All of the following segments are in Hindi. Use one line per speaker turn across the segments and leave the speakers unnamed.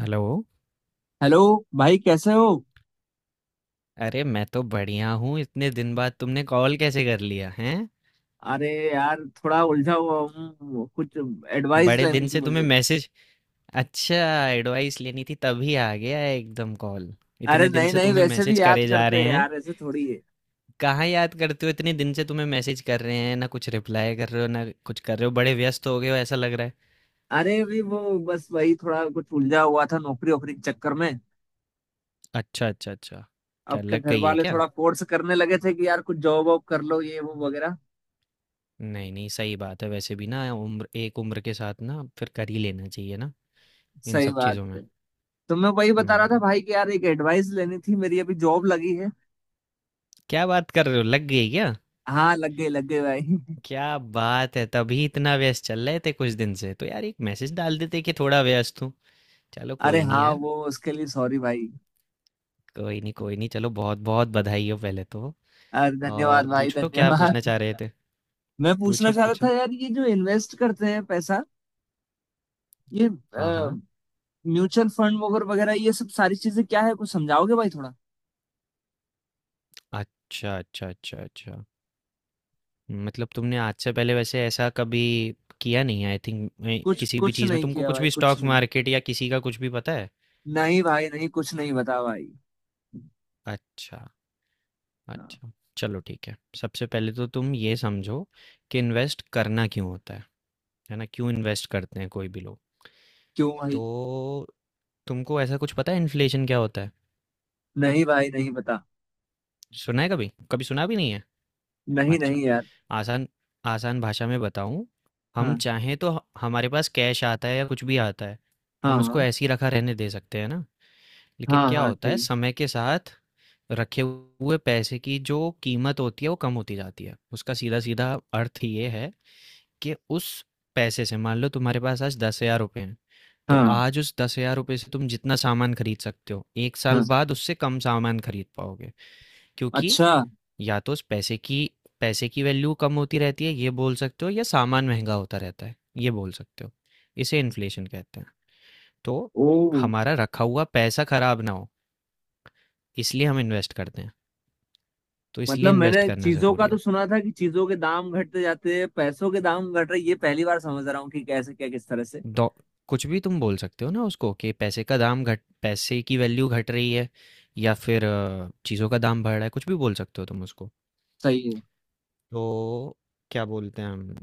हेलो।
हेलो भाई, कैसे हो?
अरे मैं तो बढ़िया हूँ। इतने दिन बाद तुमने कॉल कैसे कर लिया हैं?
अरे यार, थोड़ा उलझा हुआ हूँ। कुछ एडवाइस
बड़े दिन
लेनी थी
से तुम्हें
मुझे।
मैसेज... अच्छा, एडवाइस लेनी थी तभी आ गया एकदम कॉल।
अरे
इतने दिन
नहीं
से
नहीं,
तुम्हें
वैसे
मैसेज
भी याद
करे जा
करते
रहे
हैं
हैं।
यार, ऐसे थोड़ी है।
कहाँ याद करते हो, इतने दिन से तुम्हें मैसेज कर रहे हैं, ना कुछ रिप्लाई कर रहे हो ना कुछ कर रहे हो, बड़े व्यस्त हो गए हो ऐसा लग रहा है।
अरे अभी वो बस वही थोड़ा कुछ उलझा हुआ था, नौकरी वोकरी के चक्कर में।
अच्छा अच्छा अच्छा। क्या
अब क्या,
लग
घर
गई है
वाले
क्या?
थोड़ा फोर्स करने लगे थे कि यार कुछ जॉब वॉब कर लो, ये वो वगैरह।
नहीं नहीं, सही बात है, वैसे भी ना उम्र, एक उम्र के साथ ना फिर कर ही लेना चाहिए ना, इन
सही
सब
बात
चीज़ों में।
है। तो मैं वही बता रहा था
हम्म।
भाई कि यार, एक एडवाइस लेनी थी। मेरी अभी जॉब लगी है।
क्या बात कर रहे हो, लग गई क्या?
हाँ लग गई, लग गई भाई।
क्या बात है, तभी इतना व्यस्त चल रहे थे कुछ दिन से, तो यार एक मैसेज डाल देते कि थोड़ा व्यस्त हूँ। चलो
अरे
कोई नहीं
हाँ,
यार।
वो उसके लिए सॉरी भाई।
कोई नहीं कोई नहीं, चलो बहुत बहुत बधाई हो पहले तो।
अरे धन्यवाद
और
भाई,
पूछो, क्या पूछना
धन्यवाद।
चाह रहे थे?
मैं पूछना
पूछो
चाह रहा
पूछो।
था यार, ये जो इन्वेस्ट करते हैं पैसा, ये
हाँ हाँ।
म्यूचुअल फंड वगैरह वगैरह, ये सब सारी चीजें क्या है? कुछ समझाओगे भाई थोड़ा?
अच्छा अच्छा अच्छा अच्छा। मतलब तुमने आज से पहले वैसे ऐसा कभी किया नहीं है, आई थिंक?
कुछ
किसी भी
कुछ
चीज़ में
नहीं
तुमको
किया
कुछ
भाई,
भी,
कुछ
स्टॉक
नहीं।
मार्केट या किसी का कुछ भी पता है?
नहीं भाई, नहीं कुछ नहीं बता भाई।
अच्छा।
हाँ।
अच्छा। चलो ठीक है। सबसे पहले तो तुम ये समझो कि इन्वेस्ट करना क्यों होता है ना? क्यों इन्वेस्ट करते हैं कोई भी लोग?
क्यों
तो
भाई?
तुमको ऐसा कुछ पता है, इन्फ्लेशन क्या होता है?
नहीं भाई, नहीं बता।
सुना है कभी, कभी सुना भी नहीं है?
नहीं
अच्छा।
नहीं यार।
आसान, आसान भाषा में बताऊं। हम
हाँ,
चाहें तो हमारे पास कैश आता है या कुछ भी आता है,
हाँ,
हम उसको
हाँ,
ऐसे ही रखा रहने दे सकते हैं ना। लेकिन
हाँ,
क्या
हाँ।
होता है,
सही।
समय के साथ रखे हुए पैसे की जो कीमत होती है वो कम होती जाती है। उसका सीधा सीधा अर्थ ये है कि उस पैसे से, मान लो तुम्हारे पास आज 10,000 रुपये हैं, तो
हाँ
आज उस 10,000 रुपये से तुम जितना सामान खरीद सकते हो, एक
हाँ।
साल बाद उससे कम सामान खरीद पाओगे। क्योंकि
अच्छा।
या तो उस पैसे की वैल्यू कम होती रहती है ये बोल सकते हो, या सामान महंगा होता रहता है ये बोल सकते हो। इसे इन्फ्लेशन कहते हैं। तो
ओ।
हमारा रखा हुआ पैसा खराब ना हो इसलिए हम इन्वेस्ट करते हैं। तो इसलिए
मतलब,
इन्वेस्ट
मैंने
करना
चीजों का
ज़रूरी
तो
है।
सुना था कि चीजों के दाम घटते जाते हैं, पैसों के दाम घट रहे ये पहली बार समझ रहा हूँ कि कैसे क्या किस तरह से।
डॉ कुछ भी तुम बोल सकते हो ना उसको, कि पैसे का दाम घट, पैसे की वैल्यू घट रही है, या फिर चीज़ों का दाम बढ़ रहा है, कुछ भी बोल सकते हो तुम उसको।
सही है।
तो क्या बोलते हैं हम?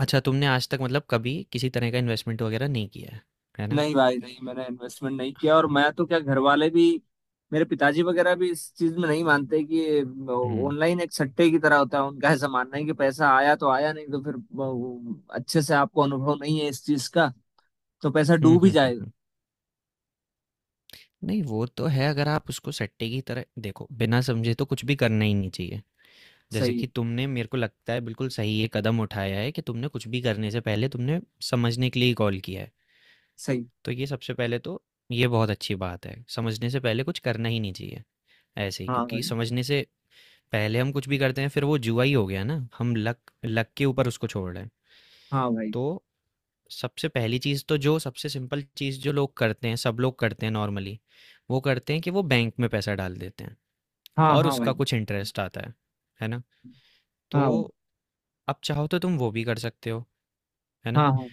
अच्छा, तुमने आज तक, मतलब कभी किसी तरह का इन्वेस्टमेंट वगैरह नहीं किया है ना?
नहीं भाई नहीं, मैंने इन्वेस्टमेंट नहीं किया, और
हाँ।
मैं तो क्या घर वाले भी, मेरे पिताजी वगैरह भी इस चीज में नहीं मानते कि
हम्म
ऑनलाइन एक सट्टे की तरह होता है। उनका ऐसा मानना है कि पैसा आया तो आया, नहीं तो फिर अच्छे से आपको अनुभव नहीं है इस चीज का, तो पैसा
हम्म
डूब ही
हम्म हम्म,
जाएगा।
हम्म। नहीं वो तो है, अगर आप उसको सट्टे की तरह देखो बिना समझे, तो कुछ भी करना ही नहीं चाहिए। जैसे
सही है।
कि तुमने, मेरे को लगता है बिल्कुल सही ये कदम उठाया है कि तुमने कुछ भी करने से पहले तुमने समझने के लिए कॉल किया है।
सही।
तो ये सबसे पहले तो ये बहुत अच्छी बात है। समझने से पहले कुछ करना ही नहीं चाहिए, ऐसे ही,
हाँ
क्योंकि
भाई।
समझने से पहले हम कुछ भी करते हैं फिर वो जुआ ही हो गया ना, हम लक लक के ऊपर उसको छोड़ रहे हैं।
हाँ भाई।
तो सबसे पहली चीज़ तो, जो सबसे सिंपल चीज़ जो लोग करते हैं, सब लोग करते हैं नॉर्मली, वो करते हैं कि वो बैंक में पैसा डाल देते हैं
हाँ
और
हाँ
उसका
भाई।
कुछ इंटरेस्ट आता है ना?
हाँ भाई।
तो अब चाहो तो तुम वो भी कर सकते हो, है ना?
हाँ हाँ,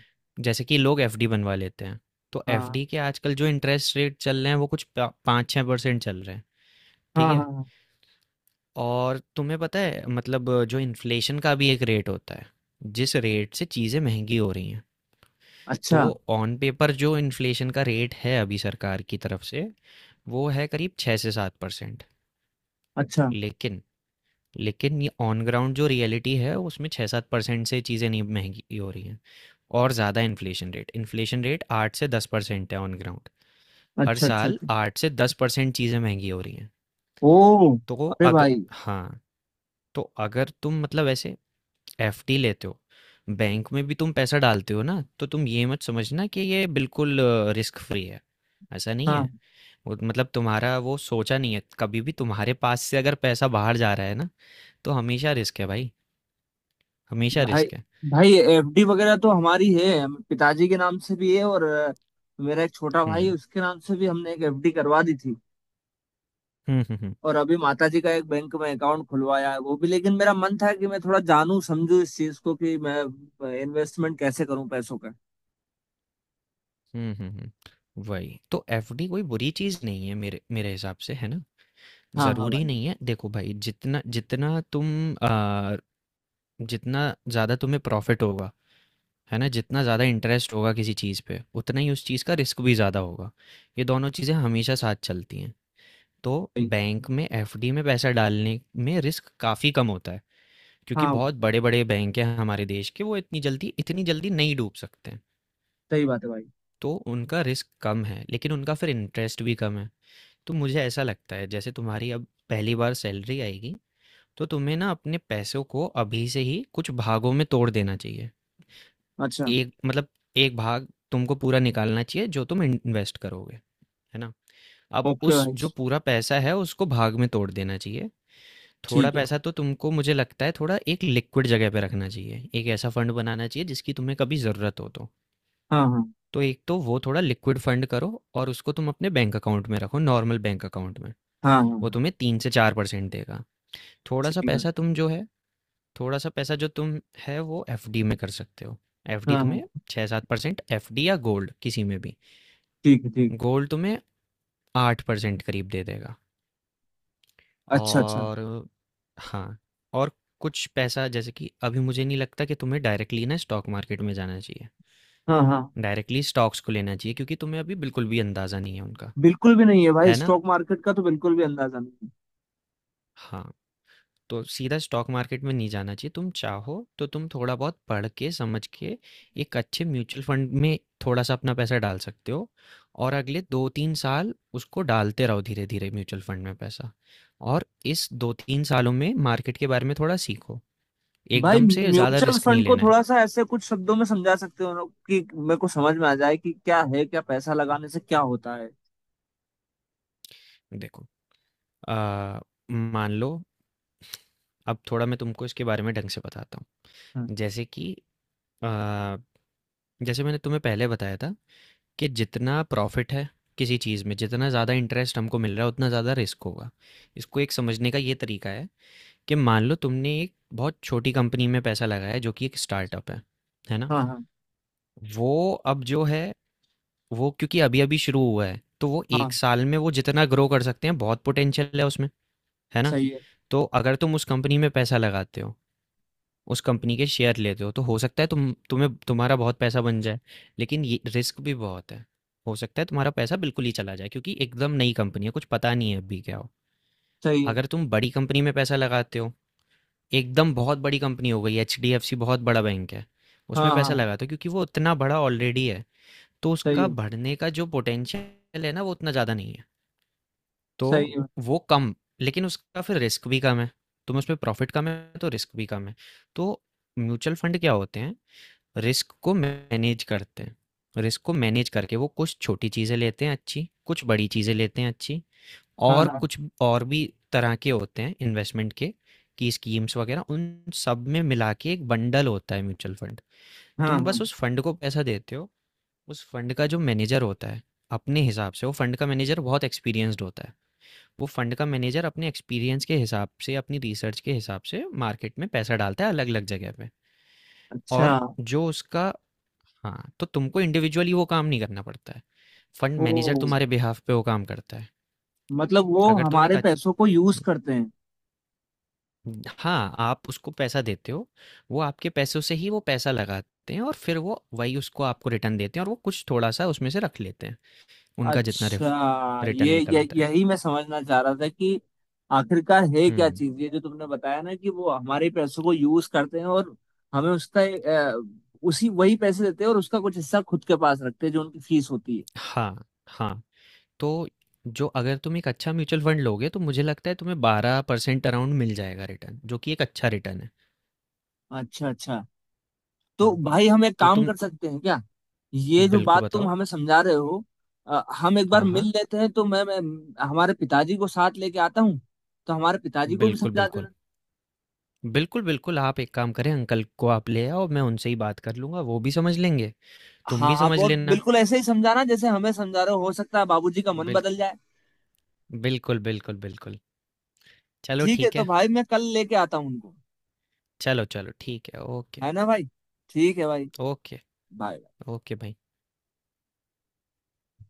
जैसे कि लोग एफडी बनवा लेते हैं, तो
हाँ
एफडी के आजकल जो इंटरेस्ट रेट चल रहे हैं वो कुछ पा 5-6% चल रहे हैं।
हाँ,
ठीक
हाँ
है।
हाँ।
और तुम्हें पता है, मतलब जो इन्फ्लेशन का भी एक रेट होता है, जिस रेट से चीज़ें महंगी हो रही हैं। तो
अच्छा
ऑन पेपर जो इन्फ्लेशन का रेट है अभी सरकार की तरफ से, वो है करीब 6 से 7%।
अच्छा
लेकिन लेकिन ये ऑन ग्राउंड जो रियलिटी है उसमें 6-7% से चीज़ें नहीं महंगी हो रही हैं, और ज़्यादा इन्फ्लेशन रेट 8 से 10% है ऑन ग्राउंड। हर
अच्छा अच्छा।
साल
अच्छा।
8 से 10% चीज़ें महंगी हो रही हैं।
ओ।
तो
अरे
अगर,
भाई।
हाँ, तो अगर तुम, मतलब, ऐसे एफडी लेते हो, बैंक में भी तुम पैसा डालते हो ना, तो तुम ये मत समझना कि ये बिल्कुल रिस्क फ्री है, ऐसा नहीं है।
हाँ
वो, मतलब, तुम्हारा वो सोचा नहीं है कभी भी, तुम्हारे पास से अगर पैसा बाहर जा रहा है ना तो हमेशा रिस्क है भाई, हमेशा
भाई।
रिस्क है।
भाई एफडी वगैरह तो हमारी है, पिताजी के नाम से भी है। और मेरा एक छोटा भाई है,
हम्म
उसके नाम से भी हमने एक एफडी करवा दी थी।
हम्म हम्म
और अभी माताजी का एक बैंक में अकाउंट खुलवाया है वो भी। लेकिन मेरा मन था कि मैं थोड़ा जानूं समझूं इस चीज को, कि मैं इन्वेस्टमेंट कैसे करूं पैसों का।
हम्म हम्म हम्म, हम्म। वही तो, एफडी कोई बुरी चीज़ नहीं है मेरे मेरे हिसाब से, है ना?
हाँ हाँ
ज़रूरी
भाई।
नहीं है, देखो भाई, जितना जितना तुम, आ, जितना ज़्यादा तुम्हें प्रॉफिट होगा, है ना, जितना ज़्यादा इंटरेस्ट होगा किसी चीज़ पे, उतना ही उस चीज़ का रिस्क भी ज़्यादा होगा। ये दोनों चीज़ें हमेशा साथ चलती हैं। तो
भाई,
बैंक में, एफडी में पैसा डालने में रिस्क काफ़ी कम होता है, क्योंकि
हाँ
बहुत बड़े बड़े बैंक हैं हमारे देश के, वो इतनी जल्दी नहीं डूब सकते हैं।
सही बात है भाई।
तो उनका रिस्क कम है, लेकिन उनका फिर इंटरेस्ट भी कम है। तो मुझे ऐसा लगता है, जैसे तुम्हारी अब पहली बार सैलरी आएगी तो तुम्हें ना अपने पैसों को अभी से ही कुछ भागों में तोड़ देना चाहिए।
अच्छा।
एक, मतलब, एक भाग तुमको पूरा निकालना चाहिए जो तुम इन्वेस्ट करोगे, है ना। अब
ओके
उस
भाई।
जो पूरा पैसा है उसको भाग में तोड़ देना चाहिए। थोड़ा
ठीक है भाई।
पैसा तो तुमको, मुझे लगता है, थोड़ा एक लिक्विड जगह पे रखना चाहिए, एक ऐसा फंड बनाना चाहिए जिसकी तुम्हें कभी ज़रूरत हो तो।
हाँ हाँ
तो एक तो वो थोड़ा लिक्विड फंड करो, और उसको तुम अपने बैंक अकाउंट में रखो, नॉर्मल बैंक अकाउंट में,
हाँ, हाँ
वो
हाँ,
तुम्हें 3 से 4% देगा। थोड़ा
ठीक
सा
है भाई,
पैसा तुम जो है, थोड़ा सा पैसा जो तुम है वो एफडी में कर सकते हो,
हाँ
एफडी
हाँ,
तुम्हें 6-7%, एफडी या गोल्ड किसी में भी।
ठीक है। ठीक
गोल्ड तुम्हें 8% करीब दे देगा।
है। अच्छा अच्छा।
और, हाँ, और कुछ पैसा, जैसे कि अभी मुझे नहीं लगता कि तुम्हें डायरेक्टली ना स्टॉक मार्केट में जाना चाहिए,
हाँ हाँ।
डायरेक्टली स्टॉक्स को लेना चाहिए, क्योंकि तुम्हें अभी बिल्कुल भी अंदाज़ा नहीं है उनका,
बिल्कुल भी नहीं है भाई,
है ना।
स्टॉक मार्केट का तो बिल्कुल भी अंदाजा नहीं है।
हाँ, तो सीधा स्टॉक मार्केट में नहीं जाना चाहिए। तुम चाहो तो तुम थोड़ा बहुत पढ़ के, समझ के एक अच्छे म्यूचुअल फंड में थोड़ा-सा अपना पैसा डाल सकते हो, और अगले 2-3 साल उसको डालते रहो धीरे-धीरे म्यूचुअल फंड में पैसा। और इस 2-3 सालों में मार्केट के बारे में थोड़ा सीखो।
भाई
एकदम से ज़्यादा
म्यूचुअल
रिस्क नहीं
फंड को
लेना है।
थोड़ा सा ऐसे कुछ शब्दों में समझा सकते हो लोग, कि मेरे को समझ में आ जाए कि क्या है, क्या पैसा लगाने से क्या होता है?
देखो, अ, मान लो, अब थोड़ा मैं तुमको इसके बारे में ढंग से बताता
हाँ
हूँ। जैसे कि, अ, जैसे मैंने तुम्हें पहले बताया था कि जितना प्रॉफिट है किसी चीज़ में, जितना ज़्यादा इंटरेस्ट हमको मिल रहा है उतना ज़्यादा रिस्क होगा। इसको एक समझने का ये तरीका है, कि मान लो तुमने एक बहुत छोटी कंपनी में पैसा लगाया है, जो कि एक स्टार्टअप है ना।
हाँ, हाँ
वो अब जो है, वो क्योंकि अभी अभी शुरू हुआ है तो वो
हाँ,
एक साल में, वो जितना ग्रो कर सकते हैं, बहुत पोटेंशियल है उसमें, है ना।
सही है।
तो अगर तुम उस कंपनी में पैसा लगाते हो, उस कंपनी के शेयर लेते हो, तो हो सकता है तुम्हारा बहुत पैसा बन जाए। लेकिन ये रिस्क भी बहुत है, हो सकता है तुम्हारा पैसा बिल्कुल ही चला जाए, क्योंकि एकदम नई कंपनी है, कुछ पता नहीं है अभी क्या हो।
सही है।
अगर तुम बड़ी कंपनी में पैसा लगाते हो, एकदम बहुत बड़ी कंपनी हो गई, एच डी एफ सी बहुत बड़ा बैंक है,
हाँ
उसमें
हाँ
पैसा
हाँ,
लगाते हो, क्योंकि वो उतना बड़ा ऑलरेडी है, तो
सही
उसका
है।
बढ़ने का जो पोटेंशियल है ना वो उतना ज़्यादा नहीं है, तो
सही है।
वो कम, लेकिन उसका फिर रिस्क भी कम है। तुम उसमें प्रॉफिट कम है तो रिस्क भी कम है। तो म्यूचुअल फंड क्या होते हैं? रिस्क को मैनेज करते हैं, रिस्क को मैनेज करके वो कुछ छोटी चीज़ें लेते हैं अच्छी, कुछ बड़ी चीज़ें लेते हैं अच्छी,
हाँ
और
हाँ,
कुछ और भी तरह के होते हैं इन्वेस्टमेंट के, की स्कीम्स वगैरह, उन सब में मिला के एक बंडल होता है म्यूचुअल फंड।
हाँ
तुम
हाँ।
बस उस फंड को पैसा देते हो, उस फंड का जो मैनेजर होता है, अपने हिसाब से, वो फंड का मैनेजर बहुत एक्सपीरियंस्ड होता है, वो फंड का मैनेजर अपने एक्सपीरियंस के हिसाब से, अपनी रिसर्च के हिसाब से, मार्केट में पैसा डालता है अलग अलग जगह पे।
अच्छा।
और जो उसका... हाँ, तो तुमको इंडिविजुअली वो काम नहीं करना पड़ता है, फंड मैनेजर
ओ।
तुम्हारे बिहाफ पे वो काम करता है।
मतलब वो
अगर तुम एक
हमारे
अच्छ-
पैसों को यूज करते हैं।
हाँ, आप उसको पैसा देते हो, वो आपके पैसों से ही वो पैसा लगाते हैं, और फिर वो वही उसको आपको रिटर्न देते हैं, और वो कुछ थोड़ा सा उसमें से रख लेते हैं, उनका जितना
अच्छा,
रिटर्न
ये
निकलता है।
यही मैं समझना चाह रहा था कि आखिरकार है क्या
हम्म।
चीज ये, जो तुमने बताया ना कि वो हमारे पैसों को यूज करते हैं, और हमें उसका उसी वही पैसे देते हैं, और उसका कुछ हिस्सा खुद के पास रखते हैं जो उनकी फीस होती है।
हाँ हाँ। तो जो, अगर तुम एक अच्छा म्यूचुअल फंड लोगे तो मुझे लगता है तुम्हें 12% अराउंड मिल जाएगा रिटर्न, जो कि एक अच्छा रिटर्न है।
अच्छा अच्छा। तो
हाँ,
भाई हम एक
तो
काम
तुम
कर सकते हैं क्या? ये जो
बिल्कुल
बात तुम
बताओ।
हमें समझा रहे हो, हम एक बार
हाँ
मिल
हाँ।
लेते हैं, तो मैं हमारे पिताजी को साथ लेके आता हूँ, तो हमारे पिताजी को भी
बिल्कुल
समझा
बिल्कुल।
देना।
बिल्कुल, बिल्कुल, आप एक काम करें, अंकल को आप ले आओ, मैं उनसे ही बात कर लूँगा, वो भी समझ लेंगे, तुम
हाँ
भी
आप
समझ
और
लेना।
बिल्कुल ऐसे ही समझाना जैसे हमें समझा रहे हो सकता है बाबूजी का मन
बिल
बदल जाए।
बिल्कुल, बिल्कुल, बिल्कुल। चलो
ठीक है,
ठीक
तो
है,
भाई मैं कल लेके आता हूँ उनको,
चलो, चलो ठीक है, ओके,
है ना भाई? ठीक है भाई।
Okay,
bye.
ओके भाई।